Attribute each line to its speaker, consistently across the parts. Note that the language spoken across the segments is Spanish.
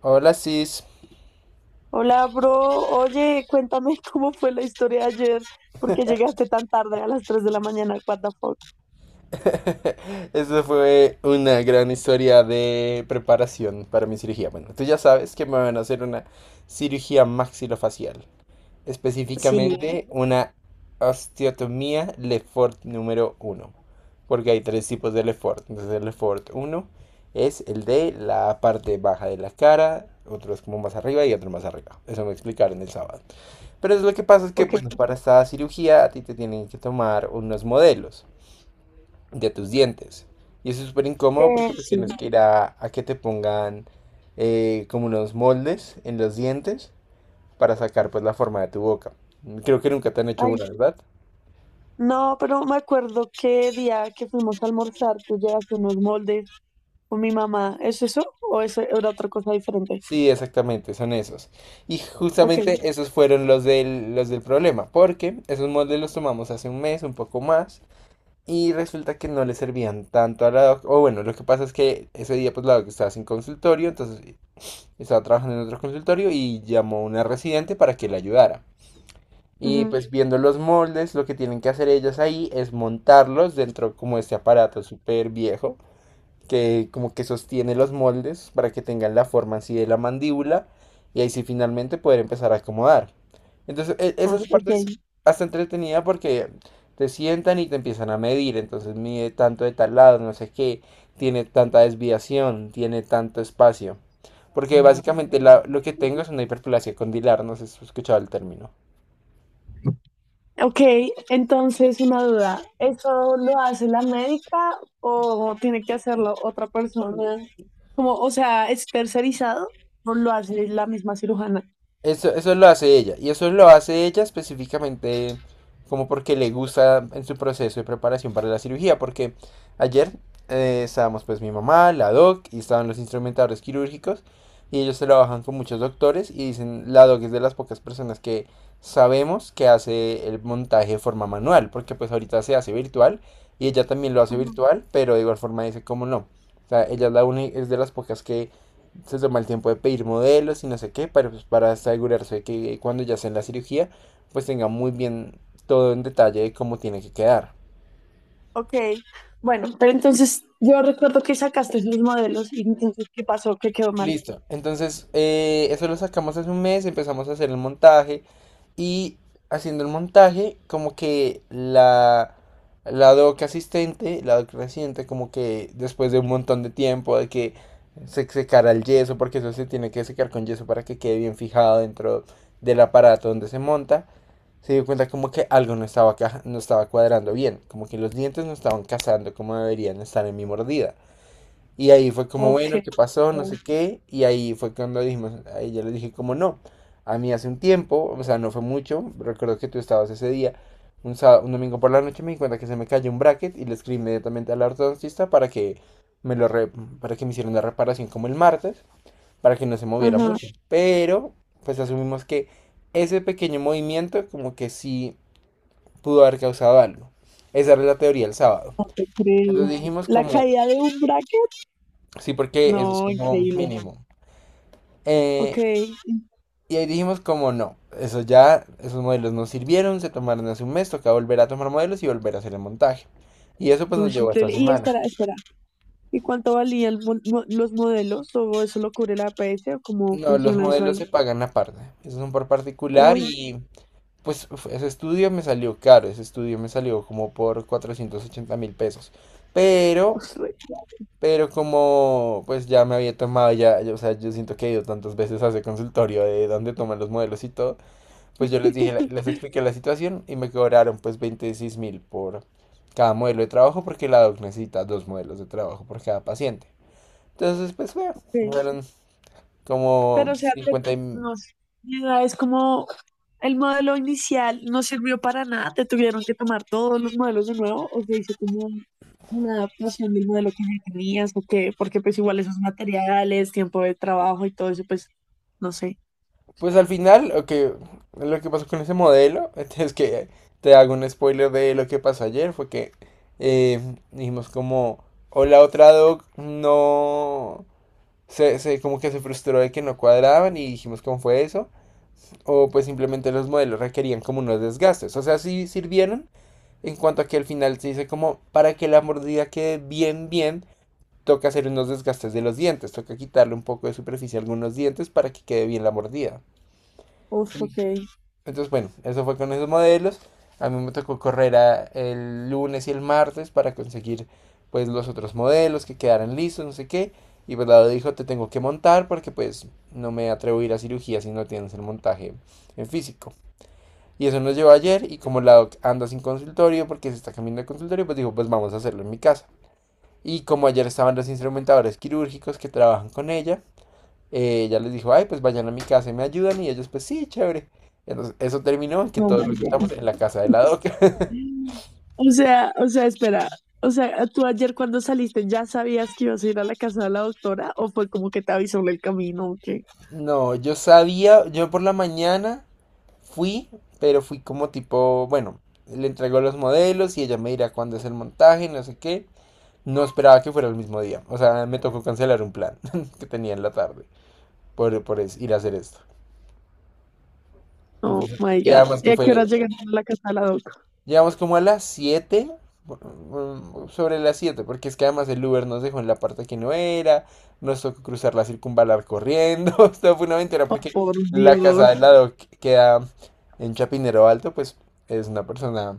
Speaker 1: Hola, Sis.
Speaker 2: Hola, bro. Oye, cuéntame cómo fue la historia de ayer, porque llegaste tan tarde a las 3 de la mañana. What the fuck?
Speaker 1: Eso fue una gran historia de preparación para mi cirugía. Bueno, tú ya sabes que me van a hacer una cirugía maxilofacial,
Speaker 2: Sí.
Speaker 1: específicamente una osteotomía Lefort número uno, porque hay tres tipos de Lefort. Entonces, el Lefort uno es el de la parte baja de la cara, otro es como más arriba y otro más arriba. Eso me explicaron el sábado. Pero es lo que pasa es que,
Speaker 2: Ok.
Speaker 1: bueno, para esta cirugía a ti te tienen que tomar unos modelos de tus dientes. Y eso es súper incómodo porque pues tienes
Speaker 2: Sí.
Speaker 1: que ir a que te pongan como unos moldes en los dientes para sacar pues la forma de tu boca. Creo que nunca te han hecho una,
Speaker 2: Ay,
Speaker 1: ¿verdad?
Speaker 2: no, pero me acuerdo qué día que fuimos a almorzar, tú llegaste unos moldes con mi mamá. ¿Es eso o eso era otra cosa diferente?
Speaker 1: Sí, exactamente, son esos. Y
Speaker 2: Ok.
Speaker 1: justamente esos fueron los del problema, porque esos moldes los tomamos hace un mes, un poco más, y resulta que no le servían tanto a la doc. O bueno, lo que pasa es que ese día pues la doc estaba sin consultorio, entonces estaba trabajando en otro consultorio y llamó a una residente para que la ayudara. Y
Speaker 2: Ujú,
Speaker 1: pues viendo los moldes, lo que tienen que hacer ellas ahí es montarlos dentro como de este aparato súper viejo, que como que sostiene los moldes para que tengan la forma así de la mandíbula y ahí sí finalmente poder empezar a acomodar. Entonces,
Speaker 2: no.
Speaker 1: esa
Speaker 2: Ok.
Speaker 1: parte es hasta entretenida porque te sientan y te empiezan a medir, entonces mide tanto de tal lado, no sé qué, tiene tanta desviación, tiene tanto espacio. Porque básicamente lo que tengo es una hiperplasia condilar, no sé si has escuchado el término.
Speaker 2: Ok, entonces una duda, ¿eso lo hace la médica o tiene que hacerlo otra persona? Como, o sea, ¿es tercerizado o lo hace la misma cirujana?
Speaker 1: Eso lo hace ella. Y eso lo hace ella específicamente como porque le gusta en su proceso de preparación para la cirugía. Porque ayer estábamos pues mi mamá, la doc y estaban los instrumentadores quirúrgicos. Y ellos trabajan con muchos doctores y dicen, la doc es de las pocas personas que sabemos que hace el montaje de forma manual. Porque pues ahorita se hace virtual y ella también lo hace
Speaker 2: Ujú.
Speaker 1: virtual, pero de igual forma dice, ¿cómo no? O sea, ella es, es de las pocas que se toma el tiempo de pedir modelos y no sé qué, para, pues, para asegurarse de que cuando ya sea en la cirugía, pues tenga muy bien todo en detalle de cómo tiene que quedar.
Speaker 2: Ok, bueno, pero entonces yo recuerdo que sacaste esos modelos y entonces, ¿qué pasó? ¿Qué quedó mal?
Speaker 1: Listo, entonces eso lo sacamos hace un mes, empezamos a hacer el montaje y haciendo el montaje, como que la doc asistente, la doc residente, como que después de un montón de tiempo de que se secara el yeso, porque eso se tiene que secar con yeso para que quede bien fijado dentro del aparato donde se monta, se dio cuenta como que algo no estaba, no estaba cuadrando bien, como que los dientes no estaban casando como deberían estar en mi mordida. Y ahí fue como,
Speaker 2: Ok.
Speaker 1: bueno, ¿qué pasó? No sé qué. Y ahí fue cuando dijimos, ahí yo le dije como no. A mí hace un tiempo, o sea, no fue mucho, recuerdo que tú estabas ese día, un domingo por la noche me di cuenta que se me cayó un bracket y le escribí inmediatamente al ortodoncista para que me lo re- para que me hicieran la reparación como el martes, para que no se moviera
Speaker 2: Ajá.
Speaker 1: mucho. Pero, pues asumimos que ese pequeño movimiento como que sí pudo haber causado algo. Esa era la teoría el sábado. Entonces
Speaker 2: Increíble.
Speaker 1: dijimos
Speaker 2: ¿La
Speaker 1: como,
Speaker 2: caída de un bracket?
Speaker 1: sí, porque eso es
Speaker 2: No,
Speaker 1: como
Speaker 2: increíble.
Speaker 1: mínimo. Eh,
Speaker 2: Ok.
Speaker 1: y ahí dijimos como no, eso ya, esos modelos no sirvieron, se tomaron hace un mes, toca volver a tomar modelos y volver a hacer el montaje. Y eso pues
Speaker 2: No,
Speaker 1: nos
Speaker 2: es
Speaker 1: llevó a esta
Speaker 2: increíble. Y
Speaker 1: semana.
Speaker 2: espera, espera, ¿y cuánto valían los modelos? ¿O eso lo cubre la APS? ¿O cómo
Speaker 1: No, los
Speaker 2: funciona eso
Speaker 1: modelos
Speaker 2: ahí?
Speaker 1: se pagan aparte, esos son por particular
Speaker 2: Uy,
Speaker 1: y pues uf, ese estudio me salió caro, ese estudio me salió como por 480 mil pesos. Pero
Speaker 2: pues,
Speaker 1: Pero como pues ya me había tomado, o sea, yo siento que he ido tantas veces a ese consultorio de dónde toman los modelos y todo, pues yo les dije, les expliqué la situación y me cobraron pues 26 mil por cada modelo de trabajo porque la doc necesita dos modelos de trabajo por cada paciente. Entonces pues fue,
Speaker 2: ok.
Speaker 1: fueron como
Speaker 2: Pero o sea,
Speaker 1: 50 y
Speaker 2: no sé, mi idea es como el modelo inicial no sirvió para nada, te tuvieron que tomar todos los modelos de nuevo, o se hizo como una adaptación del modelo que ya tenías, o qué, porque pues igual esos materiales, tiempo de trabajo y todo eso, pues no sé.
Speaker 1: pues al final, lo que pasó con ese modelo, es que te hago un spoiler de lo que pasó ayer, fue que eh, dijimos como, o la otra doc no, como que se frustró de que no cuadraban y dijimos cómo fue eso, o pues simplemente los modelos requerían como unos desgastes, o sea, sí sirvieron, en cuanto a que al final se dice como, para que la mordida quede bien, bien, toca hacer unos desgastes de los dientes, toca quitarle un poco de superficie a algunos dientes para que quede bien la mordida.
Speaker 2: Uf, ok.
Speaker 1: Entonces, bueno, eso fue con esos modelos. A mí me tocó correr el lunes y el martes para conseguir pues los otros modelos que quedaran listos, no sé qué. Y pues Lado dijo, te tengo que montar porque pues no me atrevo a ir a cirugía si no tienes el montaje en físico. Y eso nos llevó ayer y como Lado anda sin consultorio porque se está cambiando de consultorio, pues dijo, pues vamos a hacerlo en mi casa. Y como ayer estaban los instrumentadores quirúrgicos que trabajan con ella, ya les dijo, ay, pues vayan a mi casa y me ayudan. Y ellos, pues sí, chévere. Entonces, eso terminó en que
Speaker 2: Oh
Speaker 1: todos
Speaker 2: my
Speaker 1: resultamos
Speaker 2: God.
Speaker 1: en la casa de la doca.
Speaker 2: O sea, espera. O sea, ¿tú ayer cuando saliste ya sabías que ibas a ir a la casa de la doctora o fue como que te avisó en el camino o qué?
Speaker 1: No, yo sabía, yo por la mañana fui, pero fui como tipo, bueno, le entregó los modelos y ella me dirá cuándo es el montaje, no sé qué. No esperaba que fuera el mismo día. O sea, me tocó cancelar un plan que tenía en la tarde ir a hacer esto.
Speaker 2: Oh
Speaker 1: Entonces,
Speaker 2: my
Speaker 1: y
Speaker 2: God.
Speaker 1: además
Speaker 2: ¿Y
Speaker 1: que
Speaker 2: a qué
Speaker 1: fue
Speaker 2: hora llegaron a la casa de la doc?
Speaker 1: llegamos como a las 7 bueno, sobre las 7 porque es que además el Uber nos dejó en la parte que no era, nos tocó cruzar la circunvalar corriendo, esto fue una aventura
Speaker 2: Oh,
Speaker 1: porque
Speaker 2: por
Speaker 1: la casa
Speaker 2: Dios.
Speaker 1: del lado que queda en Chapinero Alto, pues es una persona...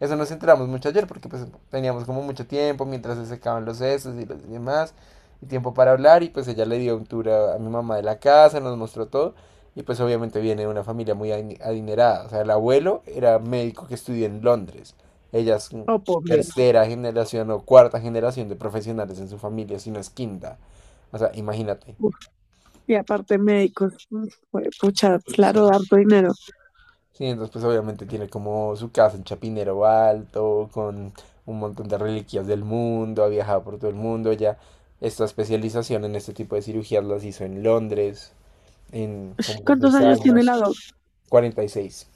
Speaker 1: Eso nos enteramos mucho ayer porque pues teníamos como mucho tiempo mientras se secaban los sesos y los demás, y tiempo para hablar y pues ella le dio un tour a mi mamá de la casa, nos mostró todo. Y pues obviamente viene de una familia muy adinerada. O sea, el abuelo era médico que estudió en Londres. Ella es
Speaker 2: Oh, por Dios.
Speaker 1: tercera generación o cuarta generación de profesionales en su familia, si no es quinta. O sea, imagínate.
Speaker 2: Uf. Y aparte médicos. Mm, Pucha, claro, harto dinero.
Speaker 1: Sí, entonces pues obviamente tiene como su casa en Chapinero Alto, con un montón de reliquias del mundo, ha viajado por todo el mundo, ya esta especialización en este tipo de cirugías las hizo en Londres, en como por
Speaker 2: ¿Cuántos
Speaker 1: seis
Speaker 2: años tiene la doc?
Speaker 1: años, 46,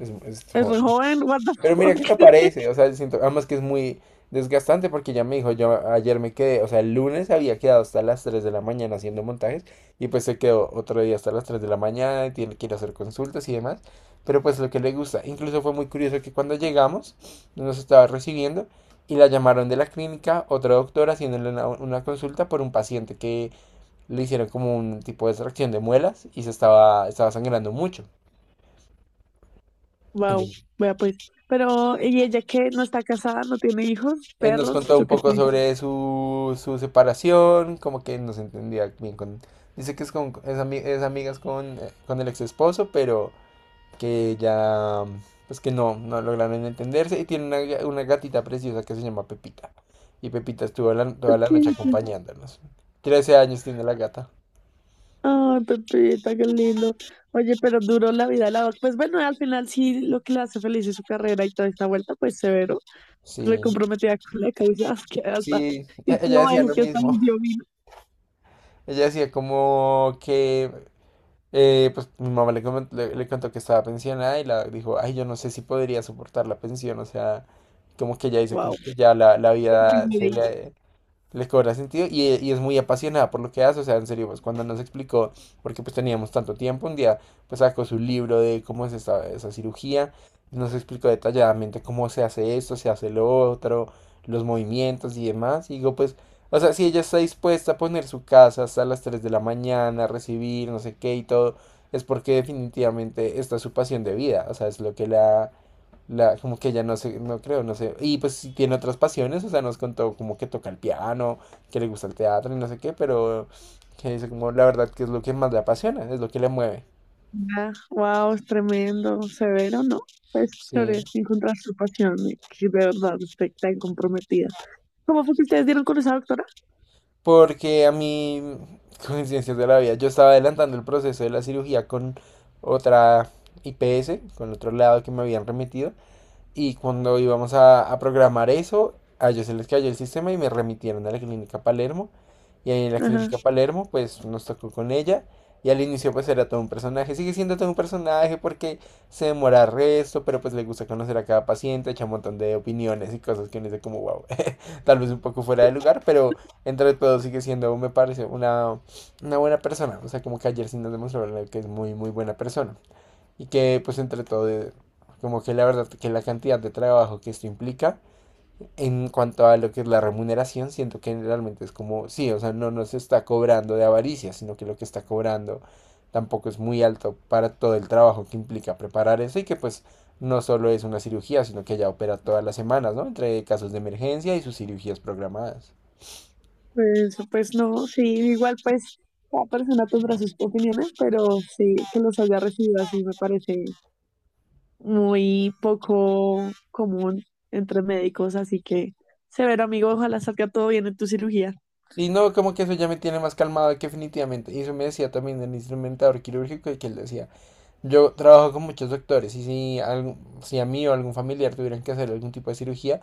Speaker 1: es
Speaker 2: Es re
Speaker 1: joven.
Speaker 2: joven, what the
Speaker 1: Pero mira que
Speaker 2: fuck.
Speaker 1: no parece, o sea, siento, además que es muy desgastante porque ya me dijo, yo ayer me quedé, o sea, el lunes había quedado hasta las 3 de la mañana haciendo montajes y pues se quedó otro día hasta las 3 de la mañana, y tiene que ir a hacer consultas y demás, pero pues lo que le gusta, incluso fue muy curioso que cuando llegamos nos estaba recibiendo y la llamaron de la clínica, otra doctora haciéndole una consulta por un paciente que le hicieron como un tipo de extracción de muelas y se estaba, estaba sangrando mucho.
Speaker 2: Wow, vea pues. Pero, ¿y ella qué? ¿No está casada? ¿No tiene hijos?
Speaker 1: Él nos
Speaker 2: ¿Perros?
Speaker 1: contó
Speaker 2: Yo
Speaker 1: un
Speaker 2: qué
Speaker 1: poco sobre su separación, como que no se entendía bien con... Dice que es, con, es, es amigas con el ex esposo, pero que ya, pues que no, no lograron entenderse y tiene una gatita preciosa que se llama Pepita. Y Pepita estuvo toda la noche
Speaker 2: sé.
Speaker 1: acompañándonos. 13 años tiene la gata.
Speaker 2: Ay, Pepita, qué lindo. Oye, pero duró la vida de la doc. Pues bueno, al final sí lo que le hace feliz es su carrera y toda esta vuelta, pues severo,
Speaker 1: Sí,
Speaker 2: recomprometida con la causa, que hasta,
Speaker 1: sí,
Speaker 2: y que
Speaker 1: ella
Speaker 2: mamá
Speaker 1: decía
Speaker 2: dijo
Speaker 1: lo
Speaker 2: que hasta
Speaker 1: mismo.
Speaker 2: les dio vino.
Speaker 1: Ella decía como que pues mi mamá le contó que estaba pensionada y la dijo, ay, yo no sé si podría soportar la pensión, o sea, como que ya dice, como
Speaker 2: Wow.
Speaker 1: que ya la vida se le, les cobra sentido y es muy apasionada por lo que hace, o sea, en serio, pues cuando nos explicó, porque pues teníamos tanto tiempo, un día pues sacó su libro de cómo es esta, esa cirugía, nos explicó detalladamente cómo se hace esto, se hace lo otro, los movimientos y demás, y digo pues, o sea, si ella está dispuesta a poner su casa hasta las 3 de la mañana, a recibir no sé qué y todo, es porque definitivamente esta es su pasión de vida, o sea, es lo que como que ella no sé, no creo, no sé. Y pues sí tiene otras pasiones, o sea, nos contó como que toca el piano, que le gusta el teatro y no sé qué, pero que dice como la verdad que es lo que más le apasiona, es lo que le mueve.
Speaker 2: Wow, es tremendo, severo, ¿no? Pues
Speaker 1: Sí.
Speaker 2: chévere encontrar su pasión y que de verdad esté tan comprometida. ¿Cómo fue que ustedes dieron con esa doctora?
Speaker 1: Porque a mí, coincidencias de la vida, yo estaba adelantando el proceso de la cirugía con otra IPS, con otro lado que me habían remitido. Y cuando íbamos a programar eso, a ellos se les cayó el sistema y me remitieron a la clínica Palermo. Y ahí en la clínica
Speaker 2: Ajá.
Speaker 1: Palermo, pues nos tocó con ella. Y al inicio pues era todo un personaje. Sigue siendo todo un personaje porque se demora resto, pero pues le gusta conocer a cada paciente, echa un montón de opiniones y cosas que uno dice como wow, tal vez un poco fuera de lugar, pero entre todo sigue siendo, me parece, una buena persona. O sea, como que ayer sí nos demostraron que es muy, muy buena persona y que pues entre todo, como que la verdad que la cantidad de trabajo que esto implica en cuanto a lo que es la remuneración, siento que realmente es como, sí, o sea, no nos está cobrando de avaricia, sino que lo que está cobrando tampoco es muy alto para todo el trabajo que implica preparar eso y que pues no solo es una cirugía, sino que ella opera todas las semanas, ¿no? Entre casos de emergencia y sus cirugías programadas.
Speaker 2: Pues, pues no, sí, igual pues cada persona tendrá sus opiniones, pero sí que los haya recibido así me parece muy poco común entre médicos, así que severo amigo, ojalá salga todo bien en tu cirugía.
Speaker 1: Sí, no, como que eso ya me tiene más calmado que definitivamente. Y eso me decía también el instrumentador quirúrgico y que él decía, yo trabajo con muchos doctores y si, si a mí o algún familiar tuvieran que hacer algún tipo de cirugía,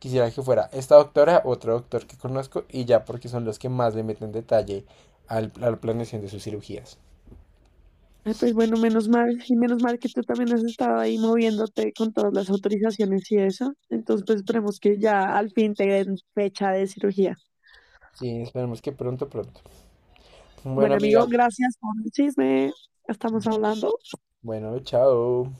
Speaker 1: quisiera que fuera esta doctora, otro doctor que conozco y ya porque son los que más le meten detalle a la planeación de sus cirugías.
Speaker 2: Ay, pues bueno, menos mal, y menos mal que tú también has estado ahí moviéndote con todas las autorizaciones y eso. Entonces, pues esperemos que ya al fin te den fecha de cirugía.
Speaker 1: Sí, esperemos que pronto, pronto. Bueno,
Speaker 2: Bueno,
Speaker 1: amiga.
Speaker 2: amigo, gracias por el chisme. Estamos hablando.
Speaker 1: Bueno, chao.